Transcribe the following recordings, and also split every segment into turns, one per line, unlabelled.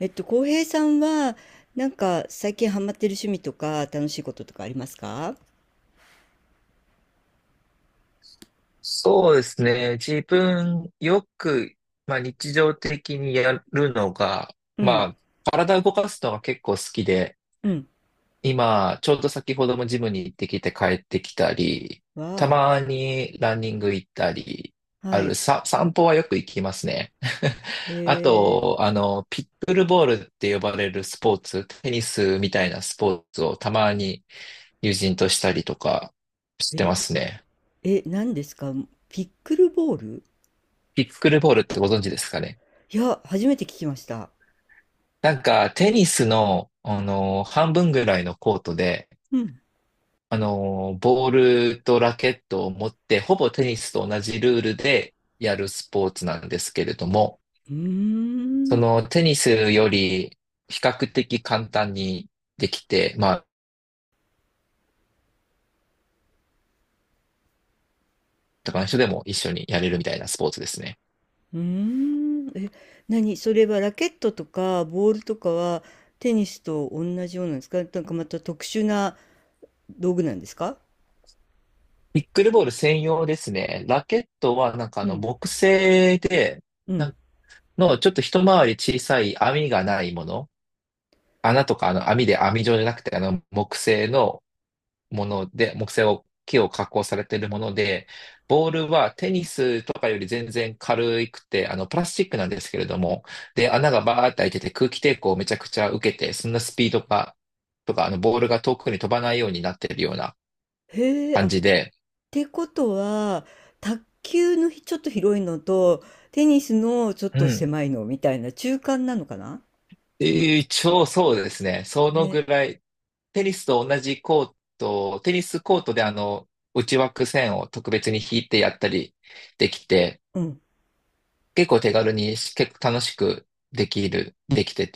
浩平さんは、最近ハマってる趣味とか、楽しいこととかありますか？
そうですね。自分よく、日常的にやるのが、
う
ま
ん、
あ、体を動かすのが結構好きで、
うん。
今、ちょうど先ほどもジムに行ってきて帰ってきたり、た
わ
まにランニング行ったり、
あ、
あ
は
る、
い。
さ、散歩はよく行きますね。
へ
あ
え、
と、ピックルボールって呼ばれるスポーツ、テニスみたいなスポーツをたまに友人としたりとかしてま
え、
すね。
え、何ですか？ピックルボール？
ピックルボールってご存知ですかね。
いや、初めて聞きました。
なんか、テニスの、半分ぐらいのコートで、
うん。
あのーボールとラケットを持って、ほぼテニスと同じルールでやるスポーツなんですけれども、
うー
そ
ん、
のテニスより比較的簡単にできて、他の人でも一緒にやれるみたいなスポーツですね。
うーん。え、何？それはラケットとか、ボールとかは、テニスと同じようなんですか？なんかまた特殊な道具なんですか？
ピックルボール専用ですね。ラケットはなんかあ
う
の
ん、
木製で、
う
な
ん。
んのちょっと一回り小さい網がないもの。穴とかあの網で網状じゃなくて、あの木製のもので、木を加工されているもので、ボールはテニスとかより全然軽くて、あのプラスチックなんですけれども、で、穴がバーって開いてて空気抵抗をめちゃくちゃ受けて、そんなスピードが、とか、あのボールが遠くに飛ばないようになっているような
へえ、
感
あ、
じで、
てことは、卓球のひちょっと広いのと、テニスのちょっ
う
と
ん。
狭いのみたいな中間なのかな。
一応そうですね。その
ね。
ぐらい、テニスコートで内枠線を特別に引いてやったりできて、
うん。
結構楽しくできる、できて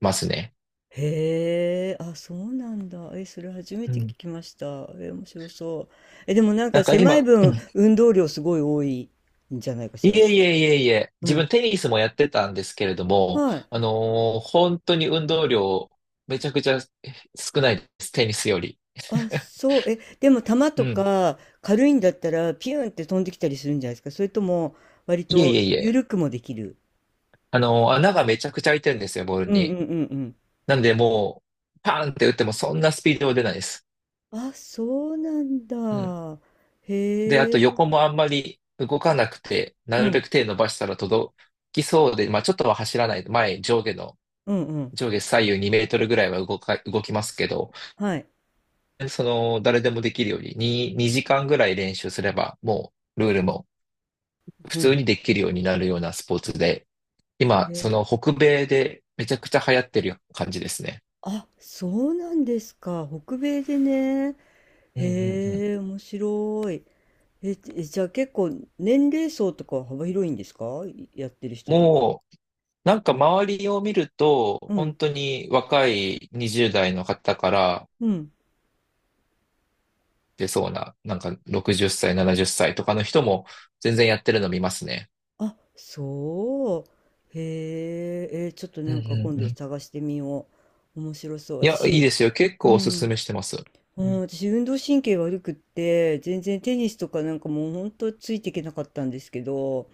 ますね。
へえ、あ、そうなんだ。え、それ初め
う
て聞
ん。
きました。え、面白そう。え、でもなん
な
か
んか
狭い
今、う
分、
ん、
運動量すごい多いんじゃないか
い
しら。
えいえいえいえ、
う
自分
ん。
テニスもやってたんですけれども、
はい。
本当に運動量めちゃくちゃ少ないです、テニスより。
あ、そう。え、でも球
う
と
ん。
か軽いんだったら、ピューンって飛んできたりするんじゃないですか。それとも、割
いえ
と
いえいえ。
緩くもできる。
穴がめちゃくちゃ開いてるんですよ、ボール
うんう
に。
んうんうん。
なんでもう、パーンって打ってもそんなスピードは出ないです。
あ、そうなん
うん。
だ。
で、あ
へ
と
え。
横もあんまり動かなくて、
う
なるべ
ん、
く手伸ばしたら届きそうで、まあちょっとは走らない。前、上下の、
うん、うん。
上下左右2メートルぐらいは動きますけど、
はい。
その、誰でもできるように、2時間ぐらい練習すれば、もう、ルールも普
う
通
ん。
にできるようになるようなスポーツで、今、
へ
そ
え。
の北米でめちゃくちゃ流行ってる感じですね。
あ、そうなんですか。北米でね。
うんうんうん。
へえ、面白い。え、じえじゃあ結構年齢層とかは幅広いんですか？いやってる人とか。
もうなんか周りを見ると、
う
本
ん、
当に若い20代の方から
うん。
出そうな、なんか60歳、70歳とかの人も全然やってるの見ますね。
あ、そう。へえ、え、ちょっと
う
な
ん
んか
う
今
んう
度
ん。
探してみよう。面白そう。
いや、いい
私、
ですよ。結
う
構おすす
ん。
めしてます。
う
うん、
ん、私運動神経悪くって全然テニスとかなんかもうほんとついていけなかったんですけど、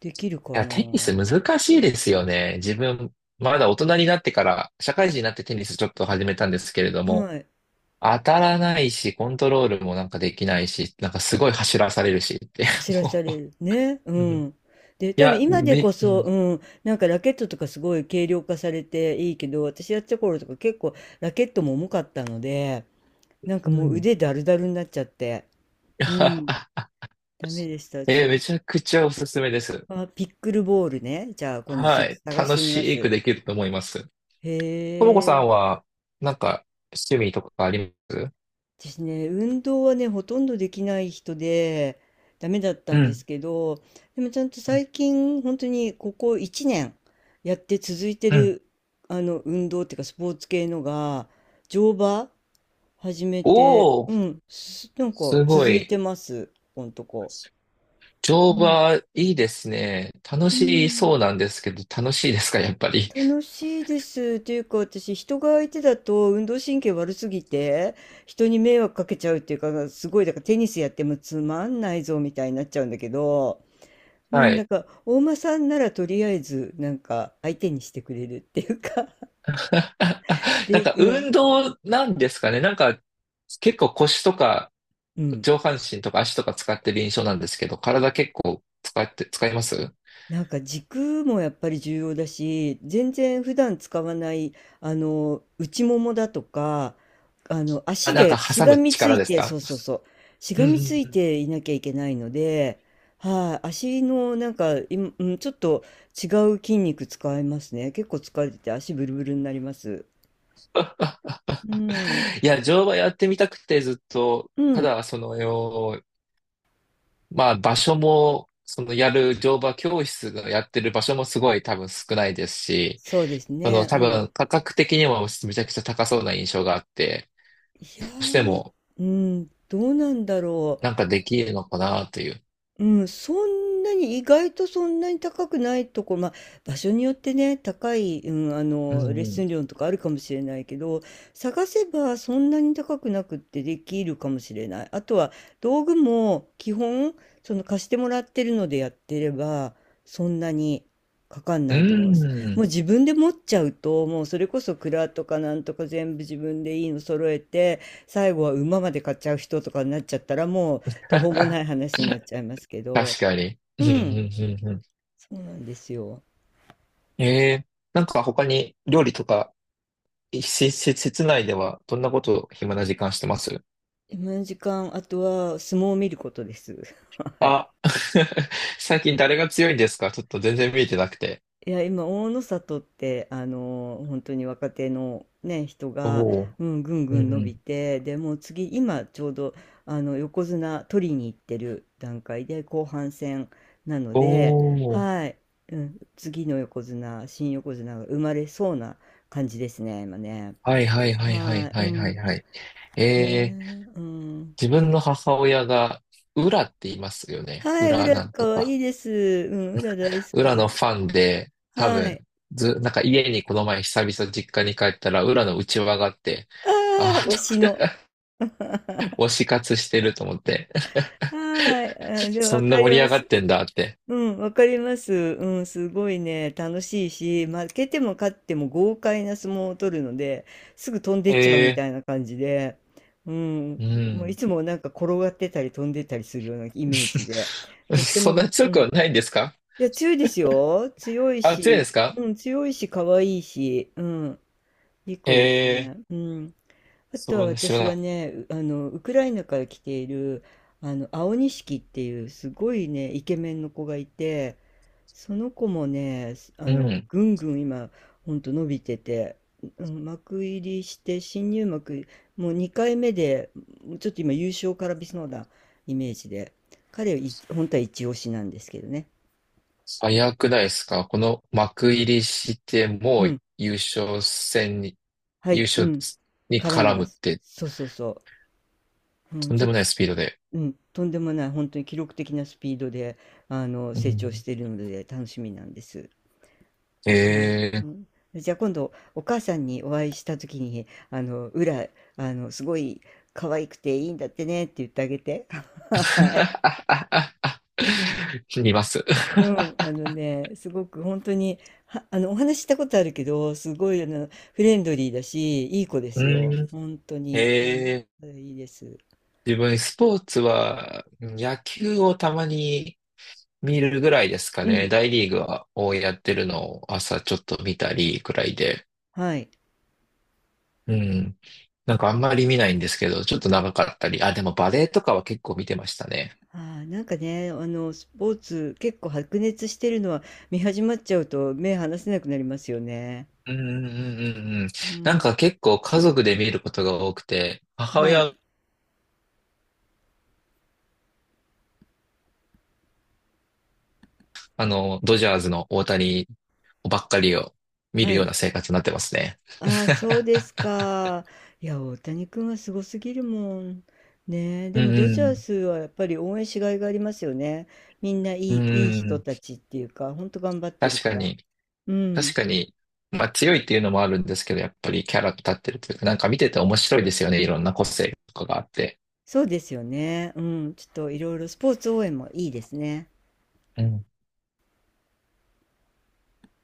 できる
い
か
や、
な？
テニス難しいですよね。自分、まだ大人になってから、社会人になってテニスちょっと始めたんですけれども、
はい。
当たらないし、コントロールもなんかできないし、なんかすごい走らされるしって。
走らされるね。 う
うん、
んで多分今でこ
う
そ、
ん。
うん、なんかラケットとかすごい軽量化されていいけど、私やってた頃とか結構ラケットも重かったので、なんか
う
もう
ん。
腕だるだるになっちゃって、うん、 ダメでした。ち
え
ょ
ー
っと
め
ピ
ちゃくちゃおすすめです。
ッ、あ、ピックルボールね、じゃあ今度ちょ
は
っと
い。
探し
楽
てみま
しく
す。
できると思います。
へ
ともこさ
え。
んは、なんか、趣味とかあります？
私ね、運動はね、ほとんどできない人で、ダメだった
う
んです
ん。
けど、でもちゃんと最近、本当にここ1年やって続いて
うん。
る、運動っていうか、スポーツ系のが、乗馬始めて、
お
う
ー、
ん、なんか
すご
続い
い。
てます、ここんとこ。う
乗
ん。
馬、いいですね。楽
う
し
ん、
そうなんですけど、楽しいですか、やっぱり。
楽しいです。っていうか、私、人が相手だと運動神経悪すぎて、人に迷惑かけちゃうっていうか、すごい、だからテニスやってもつまんないぞみたいになっちゃうんだけど、う
は
ん、
い。
大間さんならとりあえず、相手にしてくれるっていうか、
なん
で、
か、
うん、
運動なんですかね。なんか、結構腰とか、
うん、
上半身とか足とか使ってる印象なんですけど、体結構使って、使います？
なんか軸もやっぱり重要だし、全然普段使わない、内ももだとか、
あ、
足
なん
で
か
し
挟
が
む
みつ
力
い
です
て、そ
か？
うそうそう、し
う
がみつ
んう
い
ん、
ていなきゃいけないので、はい、足のなんか、いちょっと違う筋肉使いますね。結構疲れてて足ブルブルになります。うん、
いや、乗馬やってみたくてずっと、
う
た
ん、
だ、そのよ、まあ、場所も、そのやる乗馬教室がやってる場所もすごい多分少ないですし、
そうです
その
ね、う
多
ん。
分価格的にもめちゃくちゃ高そうな印象があって、
いや
どうして
ー、
も
うん、どうなんだろう。
なんかできるのかなという。
うん、そんなに、意外とそんなに高くないとこ、まあ、場所によってね、高い、うん、
うん
レッ
う
ス
ん。
ン料とかあるかもしれないけど、探せばそんなに高くなくってできるかもしれない。あとは道具も基本、その、貸してもらってるのでやってれば、そんなにかかん
う
ないと思います。も
ん。
う自分で持っちゃうと、もうそれこそ蔵とかなんとか全部自分でいいの揃えて、最後は馬まで買っちゃう人とかになっちゃったら、もう途方もない 話になっちゃいますけど、
確かに。う
う
んう
ん、
んうんう
そうなんですよ。
ん。えー、なんか他に料理とか、し室内ではどんなことを暇な時間してます？
今の時間、あとは相撲を見ることです。はい。
あ、最近誰が強いんですか？ちょっと全然見えてなくて。
いや、今、大の里って、本当に若手のね、人
お
が、
お。
うん、ぐん
う
ぐ
ん
ん
う
伸
ん。
びて、でもう次、今、ちょうど、横綱取りに行ってる段階で、後半戦なの
お
で、
お。
はい、うん、次の横綱、新横綱が生まれそうな感じですね、今ね。
はいはいはいはい
はい、
は
う
いはい
ん。
はい。
ねえ、
えー、
うん。
自分の母親が、裏って言いますよね。
はい、ウ
裏
ラ
なんと
可愛
か。
いです。うん、う大好
裏
き。
のファンで、多
は
分、
い。
ず、なんか家にこの前久々実家に帰ったら、裏の内輪があって、
ああ、
あ
推し
あ、
の。
と推し活してると思って。
はい。あ、で
そ
わ
ん
か
な
り
盛り
ま
上がっ
す。
てんだって。
うん、わかります。うん、すごいね、楽しいし、負けても勝っても豪快な相撲を取るので、すぐ飛んでっちゃうみ
え
たいな感じで、うん、
ー、う
もうい
ん。
つもなんか転がってたり飛んでったりするようなイメージで、とって
そん
も、
な
う
強く
ん。
はないんですか？
いや、強いですよ。強い
あ、強いで
し、
すか？
うん、強いし、可愛いし、うん。2
え
個です
えー、
ね。うん。あと
そ
は
うね、知ら
私
な
は
い。
ね、うウクライナから来ている、青錦っていうすごいね、イケメンの子がいて、その子もね、す
うん。
ぐんぐん今、ほんと伸びてて、うん幕入りして、新入幕、もう2回目で、ちょっと今優勝からびそうなイメージで、彼はい、本当は一押しなんですけどね。
早くないですか？この幕入りして、
う
もう
ん。
優勝戦に、
は
優
い、う
勝
ん。
に
絡んで
絡
ま
むっ
す。
て、
そうそうそう。う
と
ん、
ん
ちょ
で
っ
もないスピードで。
うん、とんでもない、本当に記録的なスピードで、
う
成長し
ん。
ているので楽しみなんです。
え
は
え
い。う
ー。
ん。じゃあ今度お母さんにお会いした時に、「裏、すごい可愛くていいんだってね」って言ってあげて。はい。
見ます。
うん、あのね、すごく本当に、はお話ししたことあるけど、すごい、フレンドリーだし、いい子で
う
すよ。
ん。
本当に。うん、
ええ
それいいです。
ー、自分、スポーツは、野球をたまに見るぐらいですか
う
ね。
ん、
大リーグをやってるのを朝ちょっと見たりくらいで。
はい。
うん。なんかあんまり見ないんですけど、ちょっと長かったり。あ、でもバレーとかは結構見てましたね。
ああ、なんかね、スポーツ結構白熱してるのは見始まっちゃうと目離せなくなりますよね。
うんうんうんうんうん。
う
なん
ん。
か結構家族で見ることが多くて、母
はい。
親、あの、ドジャースの大谷ばっかりを見る
は
よう
い。
な生活になってますね。
ああ、そうで すか。いや、大谷君はすごすぎるもん。ねえ、で
う
も
ん
ド
う
ジャー
ん。
スはやっぱり応援しがいがありますよね。みんない
う
い、いい
んう
人
ん。
たちっていうか、ほんと頑張ってる
確
か
か
ら。
に。
う
確
ん。
かに、まあ強いっていうのもあるんですけど、やっぱりキャラ立ってるというか、なんか見てて面白いですよね。いろんな個性とかがあって。
そうですよね。うん。ちょっといろいろスポーツ応援もいいですね。